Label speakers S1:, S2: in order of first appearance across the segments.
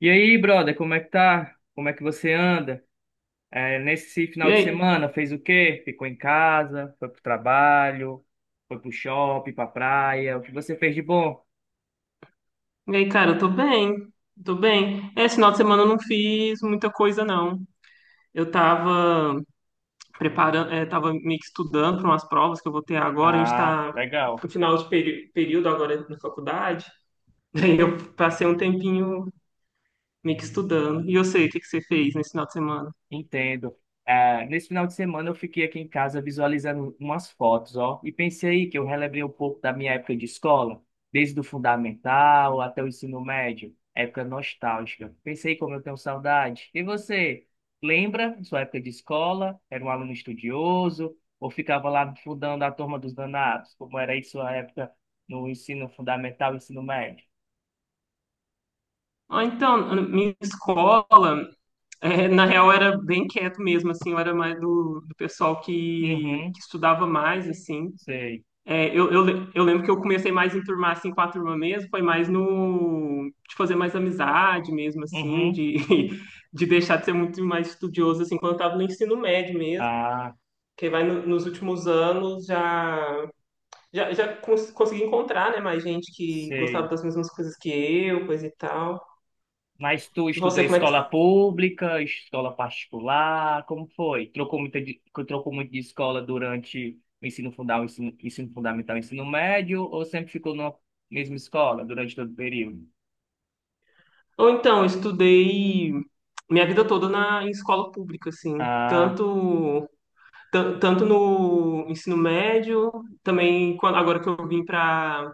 S1: E aí, brother, como é que tá? Como é que você anda? É, nesse final
S2: E
S1: de
S2: aí?
S1: semana, fez o quê? Ficou em casa, foi pro trabalho, foi pro shopping, pra praia, o que você fez de bom?
S2: E aí, cara, eu tô bem. Tô bem. Esse final de semana eu não fiz muita coisa, não. Eu tava preparando, tava meio que estudando para umas provas que eu vou ter agora. A gente
S1: Ah,
S2: tá
S1: legal.
S2: no final de período agora na faculdade. Daí eu passei um tempinho meio que estudando. E eu sei o que que você fez nesse final de semana.
S1: Entendo. Ah, nesse final de semana eu fiquei aqui em casa visualizando umas fotos, ó, e pensei que eu relembrei um pouco da minha época de escola, desde o fundamental até o ensino médio, época nostálgica. Pensei como eu tenho saudade. E você, lembra sua época de escola? Era um aluno estudioso ou ficava lá fundando a turma dos danados? Como era aí sua época no ensino fundamental e ensino médio?
S2: Ah, então, na minha escola, na real, era bem quieto mesmo, assim, eu era mais do pessoal que,
S1: Uhum,
S2: que estudava mais, assim.
S1: sei.
S2: É, eu lembro que eu comecei mais em enturmar assim, com a turma mesmo, foi mais no de fazer mais amizade mesmo, assim,
S1: Uhum,
S2: de, de deixar de ser muito mais estudioso assim, quando eu estava no ensino médio mesmo,
S1: ah,
S2: que vai nos últimos anos já, consegui encontrar, né, mais gente que gostava
S1: sei.
S2: das mesmas coisas que eu, coisa e tal.
S1: Mas tu
S2: E
S1: estudou
S2: você, como é
S1: escola
S2: que.
S1: pública, escola particular, como foi? Trocou muito de escola durante o ensino fundamental, ensino fundamental, ensino médio, ou sempre ficou na mesma escola durante todo o período?
S2: Ou então, eu estudei minha vida toda em escola pública, assim,
S1: Ah,
S2: tanto no ensino médio, também quando, agora que eu vim para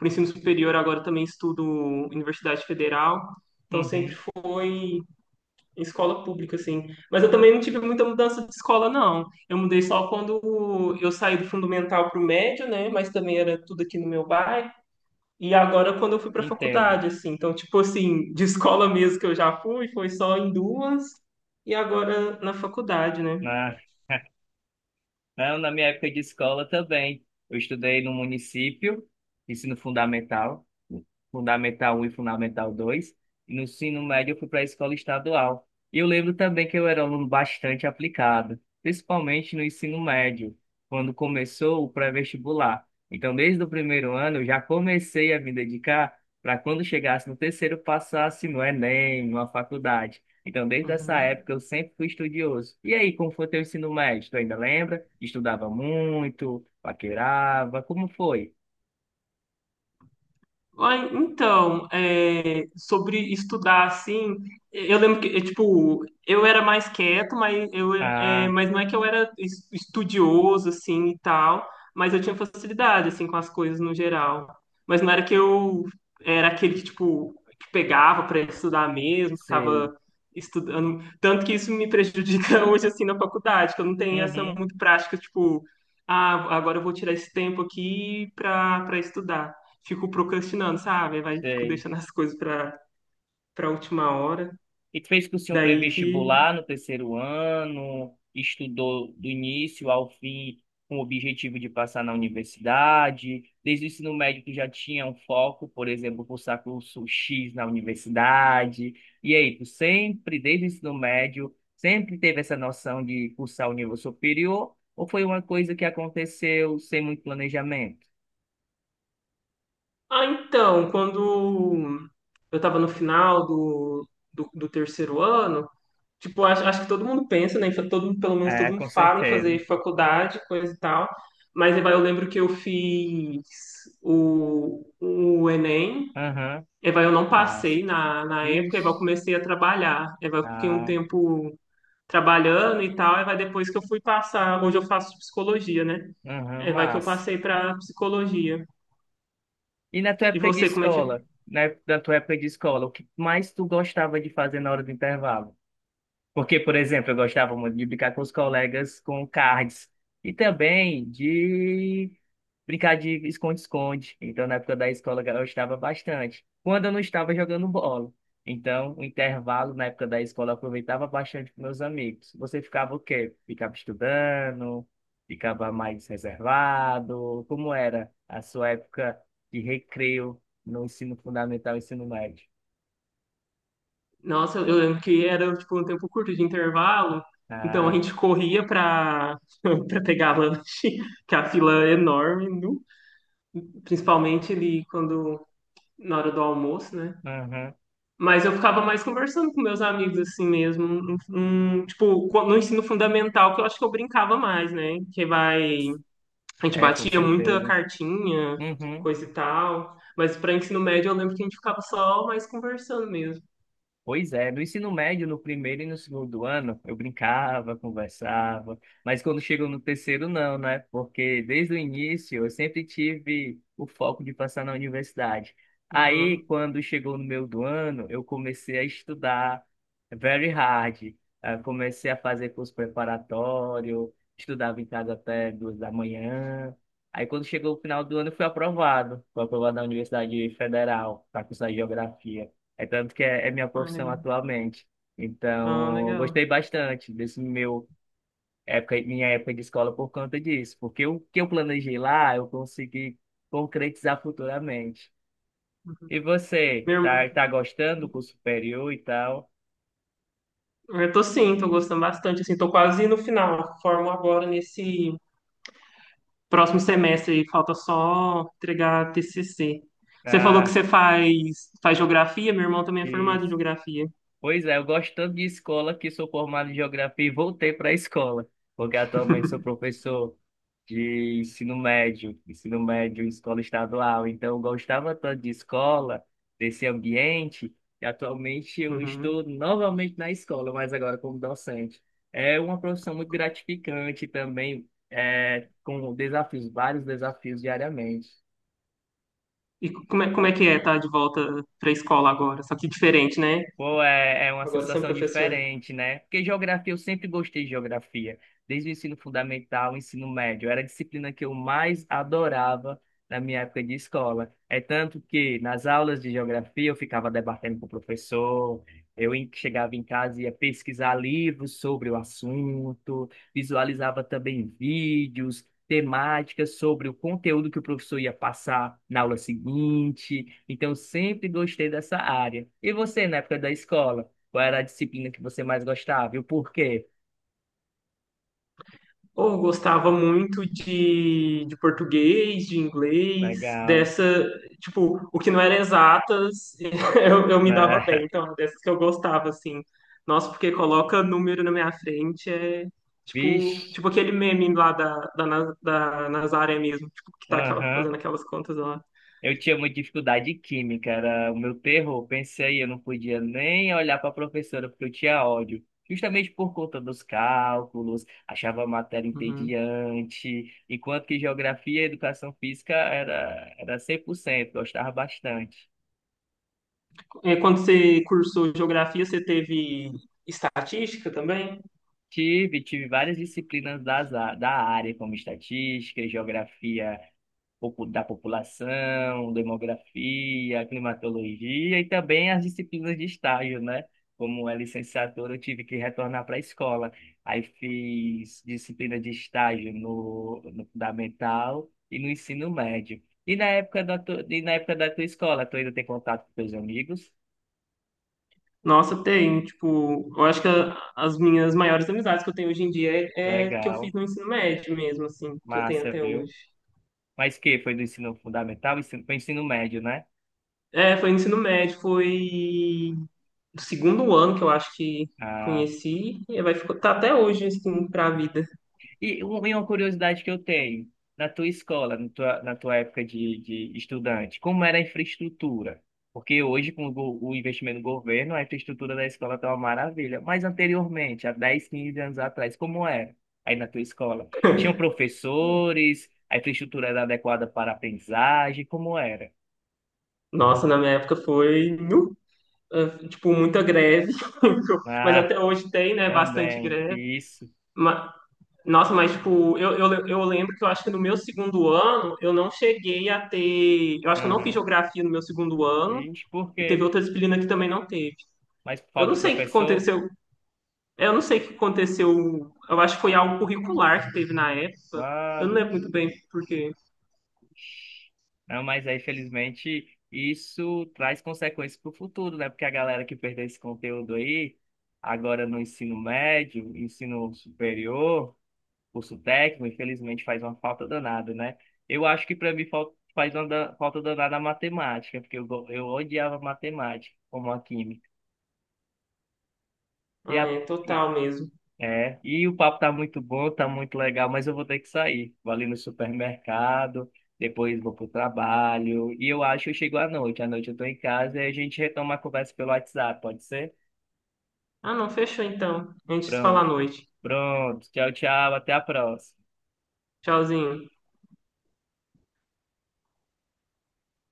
S2: o ensino superior, agora também estudo Universidade Federal, então sempre
S1: uhum,
S2: fui em escola pública, assim. Mas eu também não tive muita mudança de escola, não. Eu mudei só quando eu saí do fundamental para o médio, né? Mas também era tudo aqui no meu bairro. E agora quando eu fui para a
S1: entendo.
S2: faculdade, assim. Então, tipo assim, de escola mesmo que eu já fui, foi só em duas. E agora na faculdade, né?
S1: Né? Não, na minha época de escola também. Eu estudei no município, ensino fundamental, fundamental um e fundamental 2 e no ensino médio eu fui para a escola estadual. E eu lembro também que eu era um aluno bastante aplicado, principalmente no ensino médio, quando começou o pré-vestibular. Então, desde o primeiro ano, eu já comecei a me dedicar para quando chegasse no terceiro, passasse no Enem, numa faculdade. Então, desde essa
S2: Uhum.
S1: época, eu sempre fui estudioso. E aí, como foi teu ensino médio? Tu ainda lembra? Estudava muito, paquerava, como foi?
S2: Ai, então, é, sobre estudar assim, eu lembro que, é, tipo, eu era mais quieto, mas, eu, é,
S1: Ah,
S2: mas não é que eu era estudioso, assim, e tal, mas eu tinha facilidade, assim, com as coisas no geral. Mas não era que eu era aquele que, tipo, que pegava para estudar mesmo,
S1: sei.
S2: ficava estudando. Tanto que isso me prejudica hoje, assim, na faculdade, que eu não tenho essa
S1: Uhum,
S2: muito prática, tipo, ah, agora eu vou tirar esse tempo aqui para estudar, fico procrastinando, sabe? Vai, fico
S1: sei.
S2: deixando as coisas para última hora.
S1: E tu fez cursinho
S2: Daí que.
S1: pré-vestibular no terceiro ano, estudou do início ao fim com o objetivo de passar na universidade. Desde o ensino médio tu já tinha um foco, por exemplo, cursar curso X na universidade. E aí, tu sempre, desde o ensino médio, sempre teve essa noção de cursar o nível superior, ou foi uma coisa que aconteceu sem muito planejamento?
S2: Ah, então, quando eu estava no final do terceiro ano, tipo, acho que todo mundo pensa, né? Todo mundo, pelo menos
S1: É,
S2: todo mundo
S1: com
S2: fala em
S1: certeza.
S2: fazer faculdade, coisa e tal. Mas aí vai, eu lembro que eu fiz o Enem.
S1: Aham,
S2: Aí vai, eu não
S1: mas,
S2: passei na época, aí vai, eu
S1: vixe,
S2: comecei a trabalhar. Aí vai, eu fiquei um
S1: ah,
S2: tempo trabalhando e tal, e vai depois que eu fui passar, hoje eu faço psicologia, né?
S1: aham,
S2: É, vai que eu
S1: mas.
S2: passei para psicologia.
S1: E na tua
S2: E
S1: época de
S2: você, como é que.
S1: escola, né? Na tua época de escola, o que mais tu gostava de fazer na hora do intervalo? Porque, por exemplo, eu gostava muito de brincar com os colegas com cards e também de brincar de esconde-esconde. Então, na época da escola, eu gostava bastante. Quando eu não estava jogando bola. Então, o intervalo na época da escola eu aproveitava bastante com meus amigos. Você ficava o quê? Ficava estudando? Ficava mais reservado? Como era a sua época de recreio no ensino fundamental e ensino médio?
S2: Nossa, eu lembro que era tipo um tempo curto de intervalo, então a
S1: Ah,
S2: gente corria para pegar lanche, que a fila é enorme, nu. Principalmente ali quando na hora do almoço, né?
S1: aham,
S2: Mas eu ficava mais conversando com meus amigos assim mesmo, tipo, no ensino fundamental, que eu acho que eu brincava mais, né? Que vai a gente
S1: é, com
S2: batia muita
S1: certeza.
S2: cartinha,
S1: Uhum.
S2: coisa e tal. Mas para ensino médio eu lembro que a gente ficava só mais conversando mesmo.
S1: Pois é, no ensino médio, no primeiro e no segundo ano, eu brincava, conversava, mas quando chegou no terceiro, não, né? Porque desde o início eu sempre tive o foco de passar na universidade. Aí,
S2: Uhum.
S1: quando chegou no meio do ano, eu comecei a estudar very hard. Ah, comecei a fazer curso preparatório, estudava em casa até 2h da manhã. Aí, quando chegou o final do ano, eu fui aprovado. Fui aprovado na Universidade Federal para cursar Geografia. É tanto que é minha
S2: Ah,
S1: profissão
S2: legal.
S1: atualmente.
S2: Ah,
S1: Então, eu
S2: legal.
S1: gostei bastante minha época de escola por conta disso, porque o que eu planejei lá, eu consegui concretizar futuramente.
S2: Uhum.
S1: E você,
S2: Meu irmão,
S1: tá gostando do curso superior e tal?
S2: eu tô sim, tô gostando bastante, assim, tô quase no final. Formo agora nesse próximo semestre e falta só entregar TCC. Você falou que
S1: Ah,
S2: você faz, faz geografia, meu irmão também é formado em
S1: isso.
S2: geografia.
S1: Pois é, eu gosto tanto de escola que sou formado em geografia e voltei para a escola, porque atualmente sou professor de ensino médio em escola estadual. Então, eu gostava tanto de escola, desse ambiente, e atualmente eu
S2: Uhum.
S1: estou novamente na escola, mas agora como docente. É uma profissão muito gratificante também, é, com desafios, vários desafios diariamente.
S2: E como é que é estar de volta para a escola agora? Só que diferente, né?
S1: Pô, é, é uma
S2: Agora você é um
S1: sensação
S2: professor.
S1: diferente, né? Porque geografia, eu sempre gostei de geografia, desde o ensino fundamental, o ensino médio. Era a disciplina que eu mais adorava na minha época de escola. É tanto que nas aulas de geografia eu ficava debatendo com o professor, chegava em casa e ia pesquisar livros sobre o assunto, visualizava também vídeos, temáticas, sobre o conteúdo que o professor ia passar na aula seguinte. Então, sempre gostei dessa área. E você, na época da escola, qual era a disciplina que você mais gostava e o porquê?
S2: Ou gostava muito de português, de inglês,
S1: Legal,
S2: dessa, tipo, o que não era exatas, eu me dava bem.
S1: né?
S2: Então, dessas que eu gostava, assim. Nossa, porque coloca número na minha frente, é tipo,
S1: Vixe,
S2: tipo aquele meme lá da Nazaré mesmo, tipo, que tá aquela
S1: aham.
S2: fazendo aquelas contas lá.
S1: Eu tinha muita dificuldade de química, era o meu terror. Pensei, eu não podia nem olhar para a professora porque eu tinha ódio. Justamente por conta dos cálculos, achava a matéria
S2: Uhum.
S1: entediante, enquanto que geografia e educação física era, era 100% gostava bastante.
S2: É, quando você cursou geografia, você teve estatística também?
S1: Tive, tive várias disciplinas da área, como estatística, geografia pouco da população, demografia, climatologia e também as disciplinas de estágio, né? Como é licenciatura, eu tive que retornar para a escola. Aí fiz disciplina de estágio no fundamental e no ensino médio. E na época e na época da tua escola, tu ainda tem contato com teus amigos?
S2: Nossa, tem, tipo, eu acho que as minhas maiores amizades que eu tenho hoje em dia é, é que eu fiz
S1: Legal,
S2: no ensino médio mesmo, assim, que eu tenho
S1: massa,
S2: até
S1: viu?
S2: hoje.
S1: Mas que foi do ensino fundamental, ensino, foi ensino médio, né?
S2: É, foi no ensino médio, foi do segundo ano que eu acho que
S1: Ah,
S2: conheci, e vai ficar, tá até hoje, assim, pra vida.
S1: e uma curiosidade que eu tenho, na tua escola, na tua época de estudante, como era a infraestrutura? Porque hoje, com o, o investimento do governo, a infraestrutura da escola está uma maravilha. Mas anteriormente, há 10 15 anos atrás, como era aí na tua escola? Tinham professores, a infraestrutura era adequada para a aprendizagem, como era?
S2: Nossa, na minha época foi, nu, tipo, muita greve, mas
S1: Ah,
S2: até hoje tem, né, bastante
S1: também,
S2: greve.
S1: isso.
S2: Ma- Nossa, mas tipo, eu lembro que eu acho que no meu segundo ano eu não cheguei a ter. Eu acho que eu não fiz
S1: Uhum.
S2: geografia no meu segundo ano
S1: Vixe, por
S2: e teve
S1: quê?
S2: outra disciplina que também não teve.
S1: Mas por
S2: Eu
S1: falta
S2: não
S1: de
S2: sei o que
S1: professor?
S2: aconteceu. Eu não sei o que aconteceu. Eu acho que foi algo curricular que teve na época. Eu não lembro muito bem por quê.
S1: Não, mas aí, felizmente, isso traz consequências para o futuro, né? Porque a galera que perdeu esse conteúdo aí, agora no ensino médio, ensino superior, curso técnico, infelizmente faz uma falta danada, né? Eu acho que para mim faz uma falta danada a matemática, porque eu odiava matemática, como a química.
S2: Ah, é total mesmo.
S1: É, e o papo tá muito bom, tá muito legal, mas eu vou ter que sair. Vou ali no supermercado, depois vou pro trabalho, e eu acho que eu chego à noite. À noite eu tô em casa e a gente retoma a conversa pelo WhatsApp, pode ser?
S2: Ah, não, fechou então. A gente se fala à
S1: Pronto,
S2: noite.
S1: pronto. Tchau, tchau, até a próxima.
S2: Tchauzinho.